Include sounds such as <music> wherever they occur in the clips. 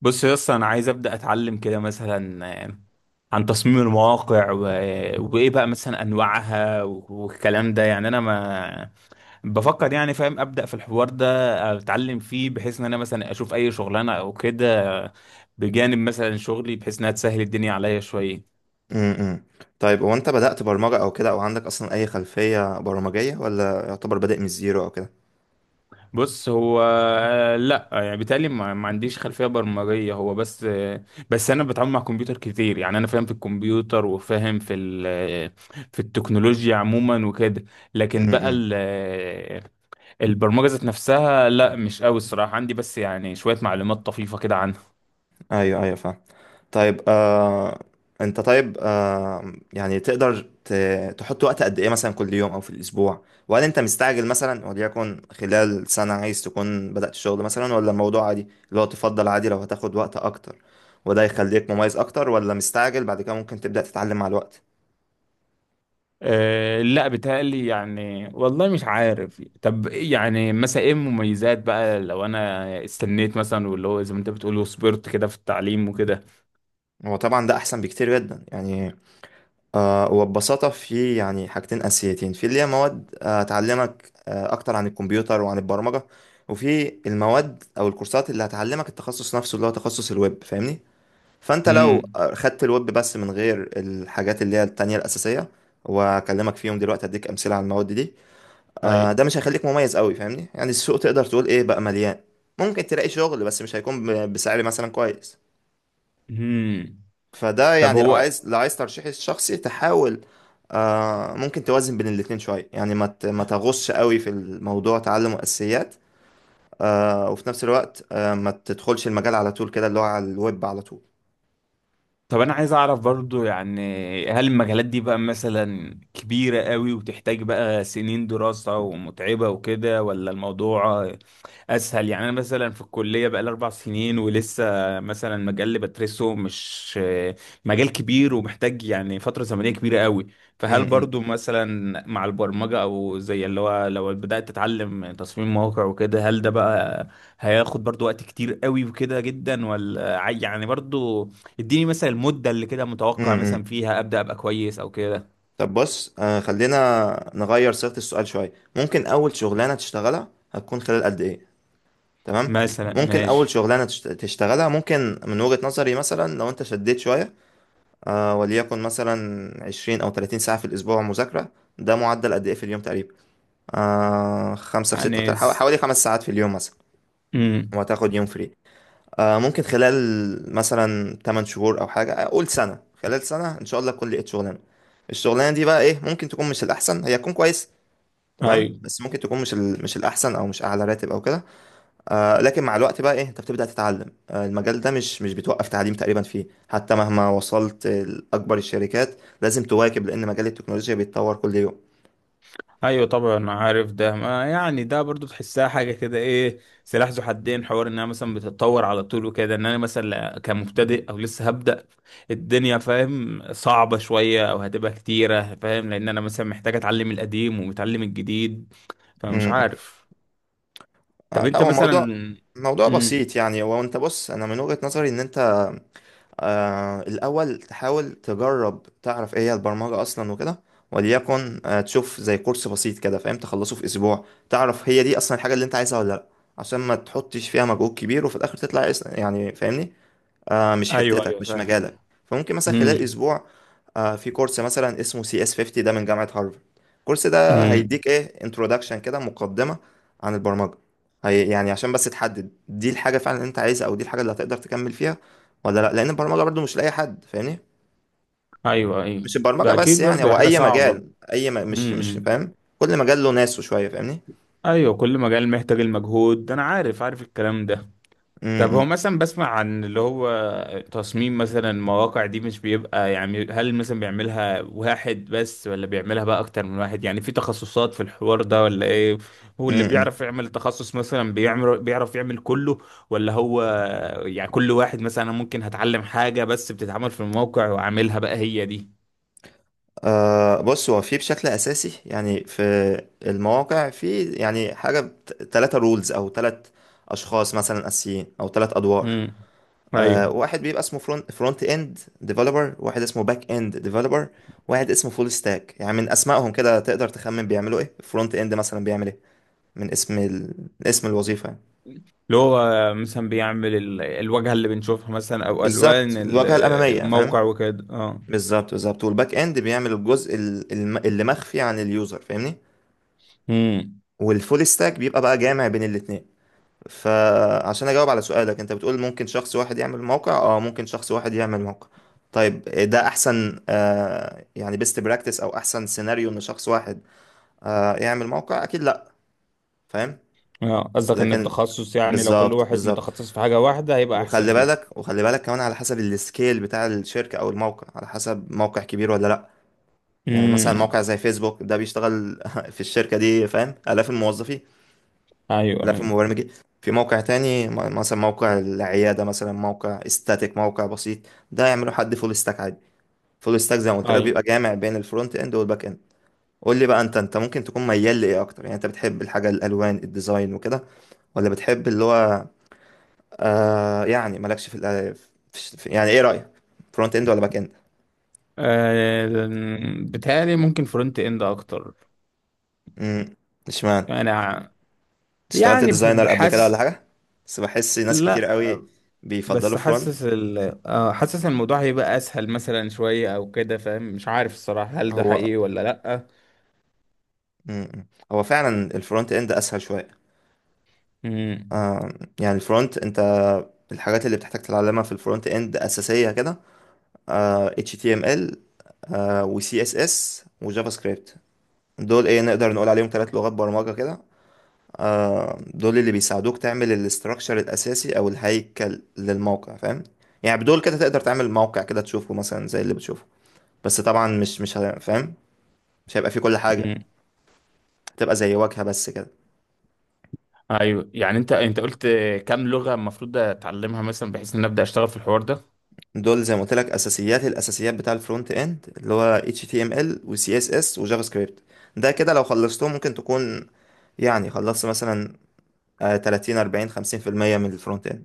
بص يا اسطى، انا عايز ابدا اتعلم كده مثلا، عن تصميم المواقع وايه بقى مثلا انواعها والكلام ده. يعني انا ما بفكر يعني فاهم ابدا في الحوار ده. اتعلم فيه بحيث ان انا مثلا اشوف اي شغلانه او كده بجانب مثلا شغلي، بحيث انها تسهل الدنيا عليا شويه. امم طيب هو انت بدأت برمجة او كده، او عندك اصلا اي خلفية برمجية، ولا يعتبر بادئ من الزيرو او كده؟ بص هو لا يعني بالتالي ما عنديش خلفيه برمجيه. هو بس بس انا بتعامل مع كمبيوتر كتير. يعني انا فاهم في الكمبيوتر وفاهم في في التكنولوجيا عموما وكده. لكن بقى امم البرمجه ذات نفسها لا، مش قوي الصراحه عندي، بس يعني شويه معلومات طفيفه كده عنها. ايوه، ايوه، فاهم. طيب، انت، طيب، يعني تقدر تحط وقت قد ايه مثلا كل يوم او في الاسبوع؟ وهل انت مستعجل مثلا، وليكن خلال سنة عايز تكون بدأت الشغل مثلا، ولا الموضوع عادي اللي هو تفضل عادي لو هتاخد وقت اكتر؟ وده يخليك مميز اكتر، ولا مستعجل بعد كده ممكن تبدأ تتعلم مع الوقت؟ أه لا، بتهيألي يعني والله مش عارف. طب إيه يعني مثلا ايه المميزات بقى لو انا استنيت مثلا، واللي هو زي ما انت بتقول، وصبرت كده في التعليم وكده؟ هو طبعا ده احسن بكتير جدا يعني. وببساطة في يعني حاجتين أساسيتين، في اللي هي مواد تعلمك أكتر عن الكمبيوتر وعن البرمجة. وفي المواد أو الكورسات اللي هتعلمك التخصص نفسه، اللي هو تخصص الويب، فاهمني. فأنت لو امم، خدت الويب بس من غير الحاجات اللي هي التانية الأساسية، وأكلمك فيهم دلوقتي أديك أمثلة على المواد دي. ايوه، ده مش هيخليك مميز قوي فاهمني، يعني السوق تقدر تقول إيه بقى مليان. ممكن تلاقي شغل بس مش هيكون بسعر مثلا كويس. مم، فده طب يعني لو هو. عايز لو عايز ترشيحي الشخصي تحاول. ممكن توازن بين الاتنين شوية، يعني ما تغوصش قوي في الموضوع، تعلم أساسيات. وفي نفس الوقت، ما تدخلش المجال على طول كده، اللي هو على الويب على طول. طب انا عايز اعرف برضو يعني، هل المجالات دي بقى مثلا كبيرة قوي وتحتاج بقى سنين دراسة ومتعبة وكده، ولا الموضوع اسهل؟ يعني انا مثلا في الكليه بقى لي اربع سنين ولسه مثلا مجال اللي بدرسه مش مجال كبير ومحتاج يعني فتره زمنيه كبيره قوي. فهل امم برضو مثلا مع البرمجه، او زي اللي هو لو بدات تتعلم تصميم مواقع وكده، هل ده بقى هياخد برضو وقت كتير قوي وكده جدا، ولا يعني برضو اديني مثلا المده اللي كده متوقع مثلا امم فيها ابدا ابقى كويس او كده؟ طب بص، خلينا نغير صيغة السؤال شوية. ممكن أول شغلانة تشتغلها هتكون خلال قد إيه؟ تمام. مثلا ممكن أول ماشي، شغلانة تشتغلها، ممكن من وجهة نظري مثلا، لو أنت شديت شوية، وليكن مثلا 20 أو 30 ساعة في الأسبوع مذاكرة. ده معدل قد إيه في اليوم تقريبا؟ خمسة في ستة، يعني بتاع حوالي 5 ساعات في اليوم مثلا. امم. وهتاخد يوم فري. ممكن خلال مثلا 8 شهور أو حاجة، أقول سنة، خلال سنة إن شاء الله تكون لقيت شغلانة. الشغلانة دي بقى إيه؟ ممكن تكون مش الأحسن، هي تكون كويس. تمام، بس ممكن تكون مش الأحسن، أو مش أعلى راتب أو كده. لكن مع الوقت بقى ايه، انت بتبدأ تتعلم المجال ده، مش بتوقف تعليم تقريبا فيه حتى مهما وصلت لأكبر الشركات. لازم تواكب، لأن مجال التكنولوجيا بيتطور كل يوم. ايوه طبعا عارف ده. ما يعني ده برضو تحسها حاجه كده ايه، سلاح ذو حدين. حوار انها مثلا بتتطور على طول وكده، ان انا مثلا كمبتدئ او لسه هبدا، الدنيا فاهم صعبه شويه او هتبقى كتيره، فاهم، لان انا مثلا محتاج اتعلم القديم ومتعلم الجديد، فمش امم عارف. طب لا، انت هو مثلا. موضوع امم، بسيط يعني. هو انت بص، انا من وجهة نظري ان انت الأول تحاول تجرب، تعرف ايه هي البرمجة أصلا وكده. وليكن تشوف زي كورس بسيط كده فاهم، تخلصه في أسبوع. تعرف هي دي أصلا الحاجة اللي انت عايزها ولا لأ، عشان ما تحطش فيها مجهود كبير وفي الآخر تطلع يعني فاهمني، مش ايوه حتتك، ايوه مش فاهم. مجالك. فممكن مثلا خلال امم. اسبوع في كورس مثلا اسمه سي اس 50، ده من جامعة هارفارد. الكورس ده امم، هيديك ايه، انترودكشن كده، مقدمة عن البرمجة. هي يعني عشان بس تحدد دي الحاجة فعلا اللي انت عايزها، او دي الحاجة اللي هتقدر تكمل فيها ولا لا، لان البرمجة برضو مش لأي حد فاهمني. ايوه ايوه. مش البرمجة ده بس اكيد يعني، برضو هي هو حاجه اي صعبه. مجال، مش امم. فاهم. كل مجال له ناسه شوية فاهمني. ايوه، كل مجال محتاج المجهود ده، انا عارف عارف الكلام ده. طب هو مثلا بسمع عن اللي هو تصميم مثلا المواقع دي، مش بيبقى يعني هل مثلا بيعملها واحد بس ولا بيعملها بقى اكتر من واحد؟ يعني في تخصصات في الحوار ده ولا ايه؟ هو اللي امم بيعرف يعمل تخصص مثلا بيعمل، بيعرف يعمل كله، ولا هو يعني كل واحد مثلا ممكن هتعلم حاجة بس بتتعمل في الموقع وعاملها بقى هي دي؟ بص، هو في بشكل اساسي يعني، في المواقع، في يعني حاجه، 3 رولز، او 3 اشخاص مثلا اساسيين، او 3 ادوار. امم، ايوه. واحد بيبقى اسمه فرونت اند ديفلوبر، واحد اسمه باك اند ديفلوبر، واحد اسمه فول ستاك. يعني من اسمائهم كده تقدر تخمن بيعملوا ايه. فرونت اند مثلا بيعمل ايه، من اسم ال... اسم الوظيفه يعني. اللي هو مثلا بيعمل الواجهة اللي بنشوفها مثلا، او الوان بالظبط، الواجهه الاماميه فاهم. الموقع وكده، اه. بالظبط، بالظبط، والباك اند بيعمل الجزء اللي مخفي عن اليوزر فاهمني. امم، والفول ستاك بيبقى بقى جامع بين الاتنين. فعشان اجاوب على سؤالك، انت بتقول ممكن شخص واحد يعمل موقع، ممكن شخص واحد يعمل موقع. طيب ده احسن، يعني بيست براكتس او احسن سيناريو ان شخص واحد يعمل موقع؟ اكيد لا. فاهم. اه. قصدك ان لكن، التخصص يعني لو كل بالظبط، واحد بالظبط. متخصص في حاجة واحدة هيبقى احسن وخلي فيها. بالك وخلي بالك كمان على حسب السكيل بتاع الشركة او الموقع، على حسب موقع كبير ولا لا. يعني مثلا امم، موقع زي فيسبوك، ده بيشتغل <laughs> في الشركة دي فاهم آلاف الموظفين. ايوه لا في ايوه. مبرمج. في موقع تاني مثلا موقع العيادة، مثلا موقع استاتيك، موقع بسيط. ده يعمله حد فول ستاك عادي. فول ستاك زي ما قلت لك ايوه بيبقى جامع بين الفرونت اند والباك اند. قول لي بقى، انت ممكن تكون ميال لايه اكتر، يعني انت بتحب الحاجة الالوان الديزاين وكده، ولا بتحب اللي هو يعني مالكش يعني ايه رأيك، فرونت اند ولا باك اند؟ آه، بتهيألي ممكن فرونت اند اكتر. امم اشمعنى، انا اشتغلت يعني ديزاينر قبل كده ولا بحس. حاجة؟ بس بحس ناس كتير لا، قوي بيفضلوا بس فرونت. حاسس ال، آه حاسس الموضوع هيبقى اسهل مثلا شوية او كده، فاهم، مش عارف الصراحة هل ده هو حقيقي ولا لا. مم. هو فعلا الفرونت اند اسهل شويه. امم. آه يعني الفرونت انت، الحاجات اللي بتحتاج تتعلمها في الفرونت اند اساسيه كده، HTML و CSS وجافا سكريبت. دول ايه، نقدر نقول عليهم 3 لغات برمجه كده. دول اللي بيساعدوك تعمل الاستراكشر الاساسي او الهيكل للموقع فاهم. يعني بدول كده تقدر تعمل موقع كده تشوفه مثلا زي اللي بتشوفه، بس طبعا، مش فاهم، مش هيبقى فيه كل حاجه، امم، تبقى زي واجهه بس كده. ايوه. يعني انت انت قلت كام لغه المفروض اتعلمها مثلا بحيث ان أنا ابدا اشتغل في الحوار ده؟ دول زي ما قلت لك اساسيات الاساسيات بتاع الفرونت اند، اللي هو HTML و CSS و جافا سكريبت. ده كده لو خلصتهم ممكن تكون، يعني خلصت مثلا 30 40 50% من الفرونت اند.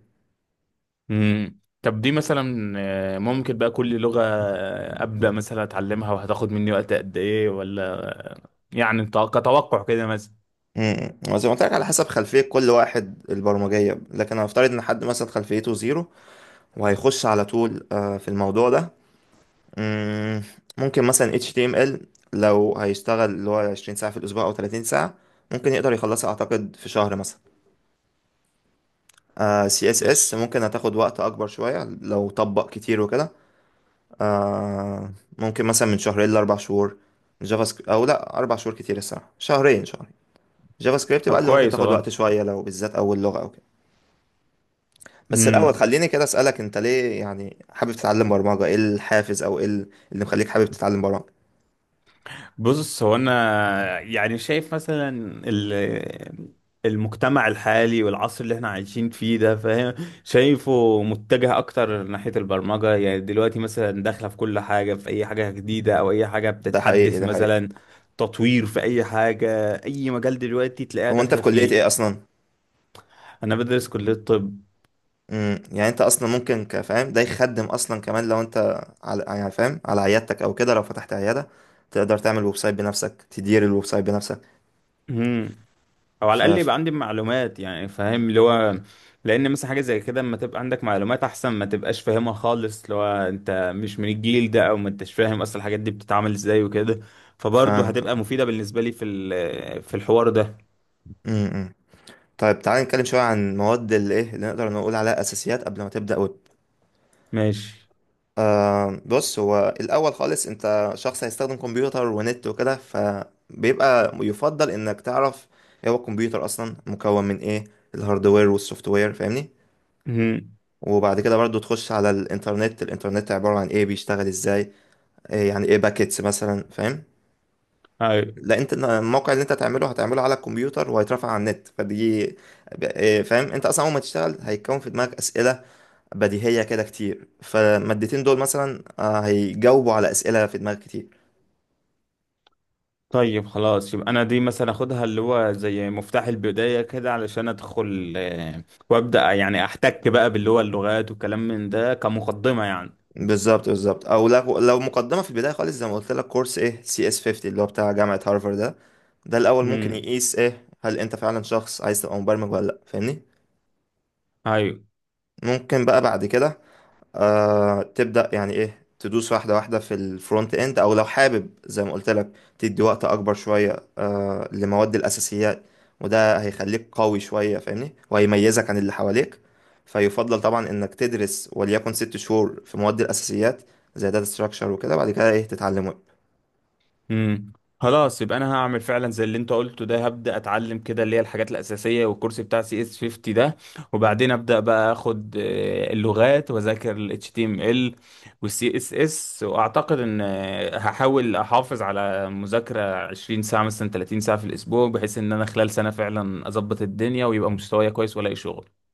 امم، طب دي مثلا، ممكن بقى كل لغة، أبدأ مثلا أتعلمها، وهتاخد مني وقت قد إيه ولا يعني كتوقع كده مثلا؟ وزي ما قلت لك على حسب خلفية كل واحد البرمجية، لكن هنفترض ان حد مثلا خلفيته زيرو، وهيخش على طول في الموضوع ده. مم، ممكن مثلا HTML، لو هيشتغل اللي هو 20 ساعة في الأسبوع أو 30 ساعة، ممكن يقدر يخلصها أعتقد في شهر مثلا. سي اس اس فيش. ممكن هتاخد وقت اكبر شويه لو طبق كتير وكده، آه ممكن مثلا من شهرين لاربع شهور. جافا سكريبت، او لا اربع شهور كتير الصراحه، شهرين شهرين. جافا سكريبت بقى طب اللي ممكن كويس تاخد والله. وقت شويه لو بالذات اول لغه او كده. بس الاول امم. خليني كده اسالك، انت ليه يعني حابب تتعلم برمجه؟ ايه الحافز، او ايه اللي مخليك حابب تتعلم برمجه؟ بص هو انا يعني شايف مثلا ال- المجتمع الحالي والعصر اللي احنا عايشين فيه ده، فاهم، شايفه متجه اكتر ناحية البرمجة. يعني دلوقتي مثلا داخلة في كل حاجة، في اي حاجة جديدة او اي حاجة ده حقيقي، بتتحدث ده حقيقي. مثلا تطوير في اي حاجة، اي مجال دلوقتي تلاقيها هو انت في داخلة كليه ايه فيه. اصلا؟ انا بدرس كلية طب. يعني انت اصلا ممكن كفاهم ده يخدم اصلا كمان، لو انت على يعني فاهم على عيادتك او كده، لو فتحت عياده تقدر تعمل ويب سايت بنفسك، تدير الويب سايت بنفسك. مم. او على الاقل ف يبقى عندي معلومات يعني، فاهم اللي هو، لان مثلا حاجه زي كده اما تبقى عندك معلومات احسن ما تبقاش فاهمها خالص، اللي هو انت مش من الجيل ده او ما انتش فاهم اصلا الحاجات دي بتتعمل ازاي وكده. فبرضه فاهم. هتبقى مفيده بالنسبه لي في في الحوار ده. امم طيب، تعالى نتكلم شويه عن مواد الايه اللي نقدر نقول عليها اساسيات قبل ما تبدا ويب. ماشي. بص، هو الاول خالص انت شخص هيستخدم كمبيوتر ونت وكده، فبيبقى يفضل انك تعرف ايه هو الكمبيوتر اصلا، مكون من ايه، الهاردوير والسوفت وير فاهمني. مهم. وبعد كده برضو تخش على الانترنت، الانترنت عبارة عن ايه، بيشتغل ازاي، إيه يعني ايه باكيتس مثلا فاهم. ايوه. لا انت الموقع اللي انت هتعمله هتعمله على الكمبيوتر وهيترفع على النت، فدي إيه فاهم، انت اصلا اول ما تشتغل هيتكون في دماغك اسئله بديهيه كده كتير، فالمادتين دول مثلا هيجاوبوا على اسئله في دماغك كتير. طيب خلاص، يبقى انا دي مثلا اخدها اللي هو زي مفتاح البدايه كده، علشان ادخل وابدا يعني احتك بقى باللي هو اللغات والكلام من ده كمقدمه يعني. بالظبط، بالظبط، او لو مقدمه في البدايه خالص زي ما قلت لك، كورس ايه سي اس 50 اللي هو بتاع جامعه هارفارد ده. ده الاول ممكن مهم. يقيس ايه، هل انت فعلا شخص عايز تبقى مبرمج ولا لا، فاهمني. ايوه. ممكن بقى بعد كده تبدأ يعني ايه، تدوس واحدة واحدة في الفرونت اند، او لو حابب زي ما قلت لك تدي وقت اكبر شوية لمواد الاساسيات، وده هيخليك قوي شوية فاهمني، وهيميزك عن اللي حواليك. فيفضل طبعا انك تدرس وليكن 6 شهور في مواد الاساسيات، زي داتا ستراكشر وكده بعد كده ايه تتعلم امم. خلاص، يبقى انا هعمل فعلا زي اللي انت قلته ده، هبدا اتعلم كده اللي هي الحاجات الاساسيه والكورس بتاع سي اس 50 ده، وبعدين ابدا بقى اخد اللغات، واذاكر ال HTML وال CSS، واعتقد ان هحاول احافظ على مذاكره 20 ساعه مثلا، 30 ساعه في الاسبوع، بحيث ان انا خلال سنه فعلا اظبط الدنيا ويبقى مستواي كويس والاقي شغل.